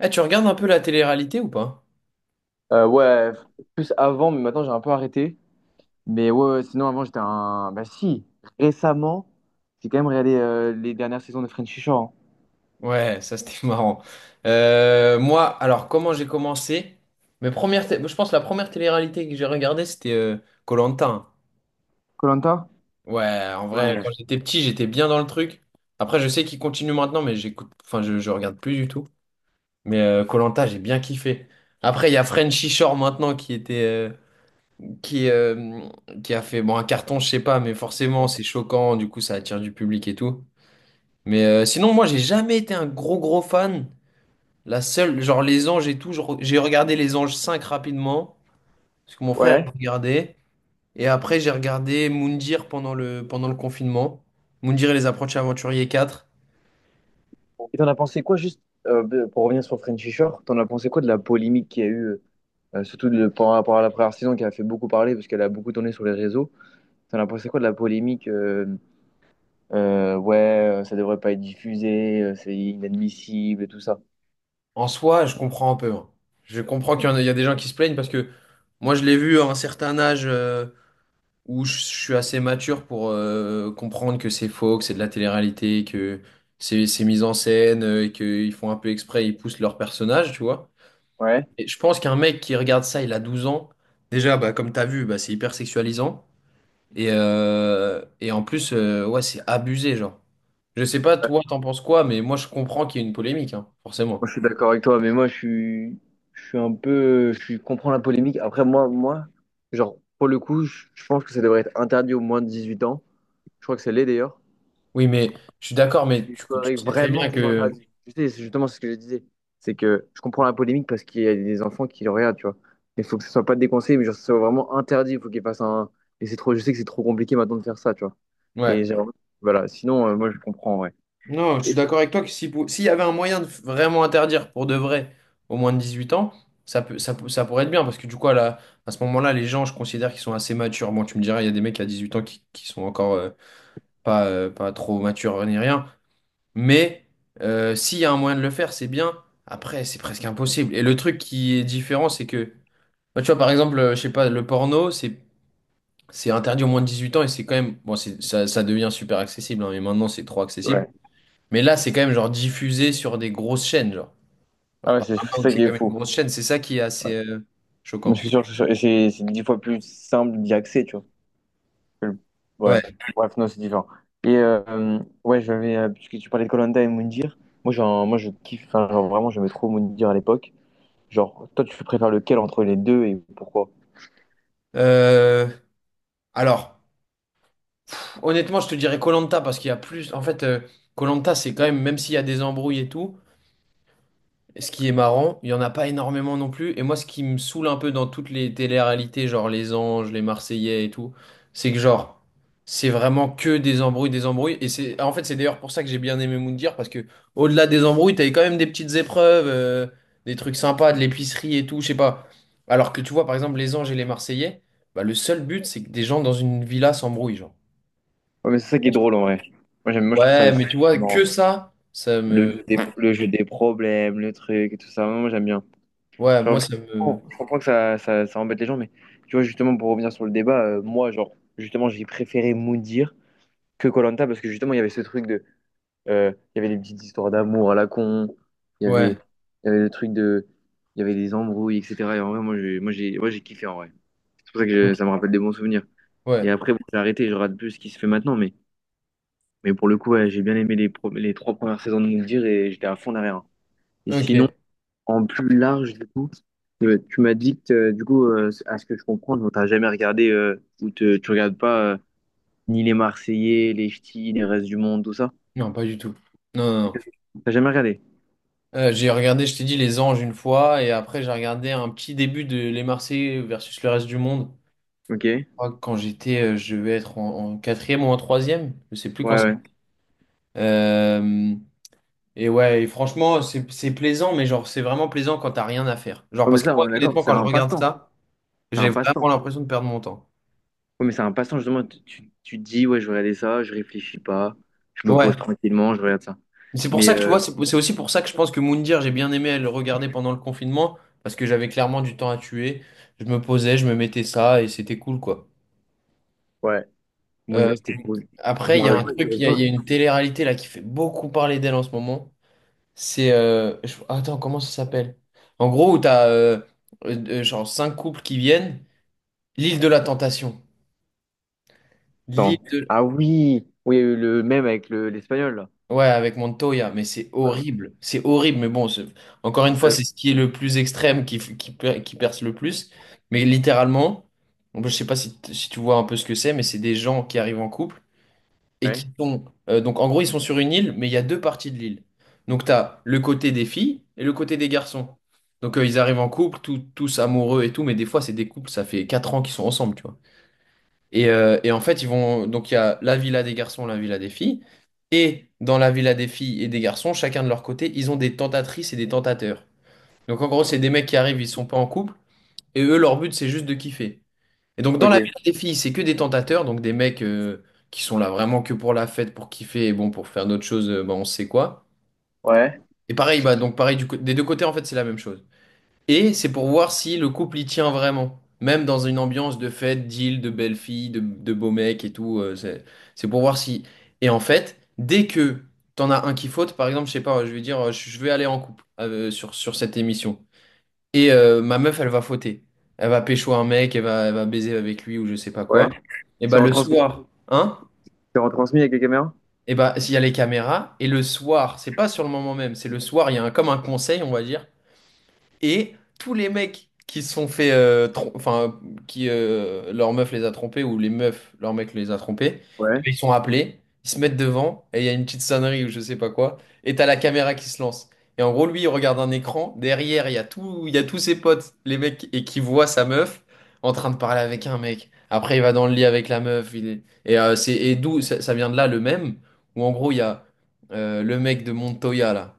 Eh, tu regardes un peu la télé-réalité ou pas? Ouais, plus avant, mais maintenant j'ai un peu arrêté. Mais ouais, ouais, sinon avant j'étais un. Bah si, récemment, j'ai quand même regardé les dernières saisons de Frenchy Shore. Ouais, ça c'était marrant. Moi, alors comment j'ai commencé? Mes premières, je pense que la première télé-réalité que j'ai regardée c'était Koh-Lanta, hein. Koh Ouais, en vrai, quand j'étais petit, j'étais bien dans le truc. Après, je sais qu'il continue maintenant, mais j'écoute, enfin, je regarde plus du tout. Mais koh j'ai bien kiffé. Après, il y a Frenchy Shore maintenant qui, euh, qui a fait bon un carton, je sais pas, mais forcément c'est choquant, du coup ça attire du public et tout. Mais sinon, moi, j'ai jamais été un gros gros fan. La seule, genre les Anges et tout, j'ai regardé les Anges 5 rapidement, parce que mon frère il Ouais. regardait. Et après, j'ai regardé Moundir pendant le confinement. Moundir et les approches aventuriers 4. Et t'en as pensé quoi, juste pour revenir sur Frenchy Shore, t'en as pensé quoi de la polémique qu'il y a eu, surtout de, par rapport à la première saison qui a fait beaucoup parler parce qu'elle a beaucoup tourné sur les réseaux. T'en as pensé quoi de la polémique, ouais, ça devrait pas être diffusé, c'est inadmissible et tout ça. En soi, je comprends un peu, hein. Je comprends qu'il y a des gens qui se plaignent parce que moi, je l'ai vu à un certain âge où je suis assez mature pour comprendre que c'est faux, que c'est de la télé-réalité, que c'est mis en scène et qu'ils font un peu exprès, ils poussent leur personnage, tu vois. Ouais. Et je pense qu'un mec qui regarde ça, il a 12 ans. Déjà, bah, comme t'as vu, bah, c'est hyper sexualisant. Et en plus, ouais, c'est abusé, genre. Je sais pas, toi, t'en penses quoi, mais moi, je comprends qu'il y ait une polémique, hein, Moi, forcément. je suis d'accord avec toi, mais moi, je suis un peu, comprends la polémique. Après, moi, genre, pour le coup, je pense que ça devrait être interdit aux moins de 18 ans. Je crois que ça l'est d'ailleurs. Oui, mais je suis d'accord, mais Il tu faudrait sais très vraiment bien que ce soit que... interdit. Tu sais, c'est justement, c'est ce que je disais. C'est que je comprends la polémique parce qu'il y a des enfants qui le regardent, tu vois. Il faut que ce soit pas déconseillé, mais genre, que ce soit vraiment interdit. Il faut qu'il fasse un. Et c'est trop, je sais que c'est trop compliqué maintenant de faire ça, tu vois. Ouais. Et j'ai- voilà, sinon, moi, je comprends, ouais. Non, je suis d'accord avec toi que si, s'il y avait un moyen de vraiment interdire pour de vrai au moins de 18 ans, ça pourrait être bien, parce que du coup, à ce moment-là, les gens, je considère qu'ils sont assez matures. Bon, tu me diras, il y a des mecs à 18 ans qui sont encore, pas trop mature ni rien. Mais s'il y a un moyen de le faire, c'est bien. Après, c'est presque impossible. Et le truc qui est différent, c'est que, bah, tu vois, par exemple, je sais pas, le porno, c'est interdit au moins de 18 ans et c'est quand même, bon, ça devient super accessible, hein, mais maintenant c'est trop accessible. Ouais. Mais là, c'est quand même genre diffusé sur des grosses chaînes, genre. Ah Alors, ouais, c'est Paramount, ça c'est qui est quand même une fou. grosse chaîne, c'est ça qui est assez Je choquant. suis sûr, c'est 10 fois plus simple d'y accéder, tu vois. que le- Ouais, Ouais. bref, non, c'est différent. Et ouais, j'avais, puisque tu parlais de koh et Moundir, moi, genre, moi je kiffe, enfin, genre, vraiment, j'aimais trop Moundir à l'époque. Genre, toi, tu préfères lequel entre les deux et pourquoi? Euh, alors, honnêtement, je te dirais koh parce qu'il y a plus. En fait, koh c'est quand même, même s'il y a des embrouilles et tout. Ce qui est marrant, il n'y en a pas énormément non plus. Et moi, ce qui me saoule un peu dans toutes les télé-réalités, genre Les Anges, Les Marseillais et tout, c'est que genre, c'est vraiment que des embrouilles, des embrouilles. Et en fait, c'est d'ailleurs pour ça que j'ai bien aimé Moundir, parce que au-delà des embrouilles, t'avais quand même des petites épreuves, des trucs sympas, de l'épicerie et tout, je sais pas. Alors que tu vois, par exemple, Les Anges et Les Marseillais, bah, le seul but, c'est que des gens dans une villa s'embrouillent, genre. Ouais, mais c'est ça qui est drôle en vrai. Moi, j'aime, moi, je trouve ça Ouais, mais tu vois, c'est marrant. que ça Le me... jeu des, le jeu des problèmes, le truc et tout ça, moi, j'aime bien. Ouais, Genre, moi, mais ça je me... comprends je comprends que ça embête les gens, mais tu vois, justement, pour revenir sur le débat, moi, genre, justement, j'ai préféré Moundir que koh parce que justement, il y avait ce truc de. Il y avait des petites histoires d'amour à la con, il y avait, Ouais, il y avait le truc de. Il y avait des embrouilles, etc. Et en vrai, moi, j'ai kiffé en vrai. C'est pour ça que ok, ça me rappelle des bons souvenirs. ouais, Et après, bon, j'ai arrêté, je rate plus ce qui se fait maintenant, mais pour le coup, ouais, j'ai bien aimé les trois premières saisons de Mouldir et j'étais à fond derrière, hein. Et sinon, ok. en plus large, du coup, tu m'as dit que, du coup, à ce que je comprends, tu n'as jamais regardé tu regardes pas ni les Marseillais, les Ch'tis, les restes du monde, tout ça. Non, pas du tout. Non, non, non. T'as jamais regardé? J'ai regardé, je t'ai dit, Les Anges une fois, et après j'ai regardé un petit début de Les Marseillais versus le reste du monde. Ok. Ouais, Je crois que quand j'étais, je devais être en quatrième ou en troisième, je sais plus quand c'était. ouais. Euh, ouais, et franchement, c'est plaisant, mais genre c'est vraiment plaisant quand t'as rien à faire. Genre Ouais, mais parce que ça, moi, on est d'accord, honnêtement, c'est quand je un regarde passe-temps. ça, C'est j'ai un vraiment passe-temps. l'impression de perdre mon temps. Ouais, mais c'est un passe-temps, justement. Tu te dis, ouais, je vais regarder ça, je réfléchis pas, je me Ouais. pose tranquillement, je regarde ça. C'est pour Mais ça que tu vois, c'est aussi pour ça que je pense que Moundir, j'ai bien aimé le regarder pendant le confinement, parce que j'avais clairement du temps à tuer. Je me posais, je me mettais ça, et c'était cool, quoi. ouais, mon Euh, Dieu, c'était cool. Je Après, me il y a rappelle un pas. Je truc, il y a, me il y a rappelle pas. une télé-réalité là qui fait beaucoup parler d'elle en ce moment. Attends, comment ça s'appelle? En gros, où t'as genre cinq couples qui viennent, l'île de la tentation. Attends. L'île de. Ah oui, oui, il y a eu le même avec l'espagnol, là. Ouais, avec Montoya, mais c'est Ouais, ouais. horrible. C'est horrible, mais bon, encore une C'est fois, ça. c'est ce qui est le plus extrême qui perce le plus. Mais littéralement, bon, je sais pas si, si tu vois un peu ce que c'est, mais c'est des gens qui arrivent en couple et qui Ouais. sont. Donc, en gros, ils sont sur une île, mais il y a deux parties de l'île. Donc, tu as le côté des filles et le côté des garçons. Donc, ils arrivent en couple, tous amoureux et tout, mais des fois, c'est des couples, ça fait 4 ans qu'ils sont ensemble, tu vois. Et en fait, ils vont. Donc, il y a la villa des garçons, la villa des filles. Et dans la villa des filles et des garçons, chacun de leur côté, ils ont des tentatrices et des tentateurs. Donc, en gros, c'est des mecs qui arrivent, ils sont pas en couple. Et eux, leur but, c'est juste de kiffer. Et donc, dans la Ok. villa des filles, c'est que des tentateurs. Donc, des mecs qui sont là vraiment que pour la fête, pour kiffer. Et bon, pour faire d'autres choses, bah, on sait quoi. Ouais. Et pareil, bah, donc, pareil, des deux côtés, en fait, c'est la même chose. Et c'est pour voir si le couple y tient vraiment. Même dans une ambiance de fête, d'île, de belles filles, de beaux mecs et tout. C'est pour voir si. Et en fait, dès que t'en as un qui faute, par exemple, je sais pas, je vais dire, je vais aller en couple sur cette émission. Et ma meuf, elle va fauter. Elle va pécho un mec, elle va baiser avec lui ou je sais pas Ouais. quoi. Et C'est bah le retransmis. soir, hein? C'est retransmis avec les caméras? Et bah s'il y a les caméras, et le soir, c'est pas sur le moment même, c'est le soir, il y a comme un conseil, on va dire. Et tous les mecs qui se sont fait, enfin, qui leur meuf les a trompés ou les meufs, leur mec les a trompés, et Ouais. puis ils sont appelés, ils se mettent devant et il y a une petite sonnerie ou je sais pas quoi, et t'as la caméra qui se lance. Et en gros, lui, il regarde un écran, derrière, il y a tout, il y a tous ses potes, les mecs, et qui voit sa meuf en train de parler avec un mec. Après, il va dans le lit avec la meuf. Et d'où ça, ça vient de là, le même, où en gros, il y a le mec de Montoya, là.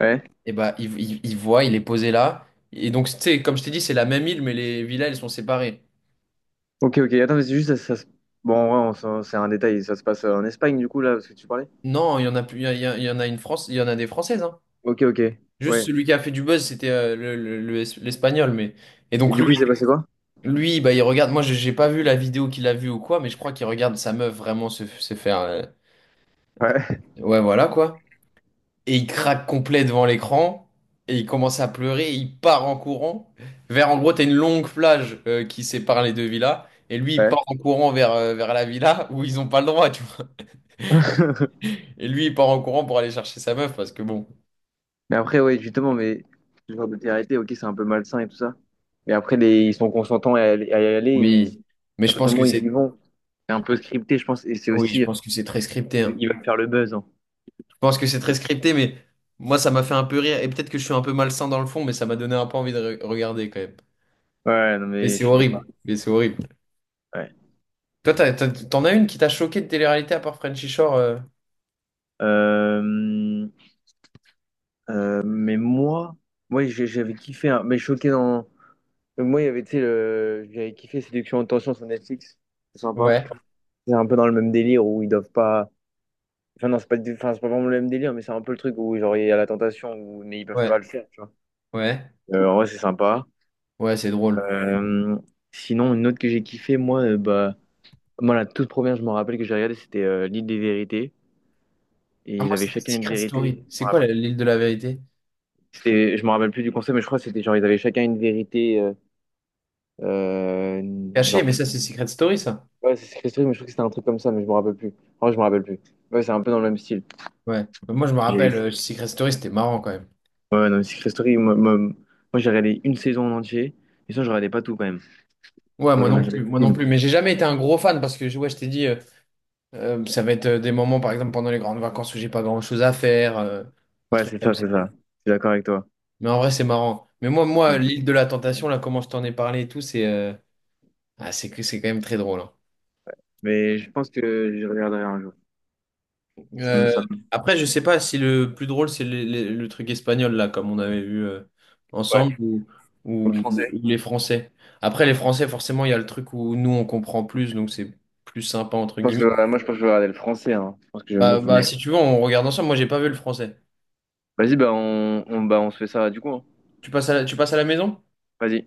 Ouais. Et bah, il voit, il est posé là. Et donc, tu sais, comme je t'ai dit, c'est la même île, mais les villas, elles sont séparées. Ok, ok. Attends, mais c'est juste, bon, ouais, c'est un détail. Ça se passe en Espagne, du coup, là, parce que tu parlais. Non, il y en a plus, il y en a une France, il y en a des Françaises, hein. Ok, ok. Juste Ouais. celui qui a fait du buzz, c'était l'Espagnol, mais. Et Et donc, du lui, coup, il s'est passé quoi? lui, bah, il regarde. Moi, j'ai pas vu la vidéo qu'il a vue ou quoi, mais je crois qu'il regarde sa meuf vraiment se faire. Ouais, Ouais, voilà, quoi. Et il craque complet devant l'écran. Et il commence à pleurer. Il part en courant. Vers, en gros, t'as une longue plage qui sépare les deux villas. Et lui, il ouais. part en courant vers la villa où ils ont pas le droit, tu vois. Et lui, il part en courant pour aller chercher sa meuf parce que bon. Mais après, ouais, justement, mais ce genre de télé-réalité, ok, c'est un peu malsain et tout ça. Mais après, ils sont consentants à y aller. Oui. Mais À je partir pense du moment que où ils y c'est. vont, c'est un peu scripté, je pense. Et c'est Oui, je aussi, pense que c'est très scripté, ils, hein. ils veulent faire le buzz, hein. Je pense que c'est très scripté, mais moi, ça m'a fait un peu rire. Et peut-être que je suis un peu malsain dans le fond, mais ça m'a donné un peu envie de regarder quand même. Ouais, non, Mais mais c'est je suis d'accord. horrible. Mais c'est horrible. Ouais. Toi, t'en as une qui t'a choqué de télé-réalité à part Frenchy Shore? Euh, mais moi, j'avais kiffé, hein, mais choqué dans. Moi, il y avait, tu sais, j'avais kiffé Séduction en tension sur Netflix. C'est sympa. Ouais. C'est un peu dans le même délire où ils doivent pas. Enfin, non, c'est pas, enfin, c'est pas vraiment le même délire, mais c'est un peu le truc où genre, il y a la tentation, mais ils peuvent Ouais, pas le faire, tu vois. ouais, En vrai, c'est sympa. ouais, c'est drôle. Euh, Sinon, une autre que j'ai kiffé, moi, bah, moi, la toute première, je me rappelle que j'ai regardé, c'était l'île des vérités. Ah, Et ils moi, avaient c'était chacun une Secret vérité. Story. Je me C'est quoi rappelle, l'île de la vérité? Je me rappelle plus du concept, mais je crois que c'était genre, ils avaient chacun une vérité. Euh, Cachée, genre, mais ça, c'est Secret Story, ça. ouais, c'est Secret Story, mais je crois que c'était un truc comme ça, mais je me rappelle plus. En vrai, je me rappelle plus. Ouais, c'est un peu dans le même style. Ouais. Bah, moi, je me rappelle, J'ai- Secret Story, c'était marrant quand même. Ouais, non, mais Secret Story, moi, j'ai regardé une saison en entier, et ça, je regardais pas tout quand même. Ouais, Genre, moi j'en ai non regardé plus, moi non qu'une. plus. Mais j'ai jamais été un gros fan parce que, ouais, je t'ai dit, ça va être des moments, par exemple, pendant les grandes vacances où j'ai pas grand-chose à faire, des Ouais, trucs c'est comme ça, ça. c'est ça. Je suis d'accord avec toi. Mais en vrai, c'est marrant. Mais moi, Ouais. l'île de la tentation, là, comment je t'en ai parlé et tout, c'est que c'est quand même très drôle, hein. Mais je pense que je regarderai un jour. Ça me, Euh, ça me- Après, je sais pas si le plus drôle, c'est le truc espagnol, là, comme on avait vu Ouais. ensemble, ou, Ou le ou le- français. ou les Français. Après, les Français, forcément, il y a le truc où nous, on comprend plus, donc c'est plus sympa, entre Je pense que, guillemets. ouais, moi, je pense que je vais regarder le français. Hein. Je pense que je vais me Bah, mettre bah, dedans. si tu veux, on regarde ensemble. Moi, j'ai pas vu le français. Vas-y, bah, on, bah, on se fait ça du coup, hein. Tu passes à la maison? Vas-y.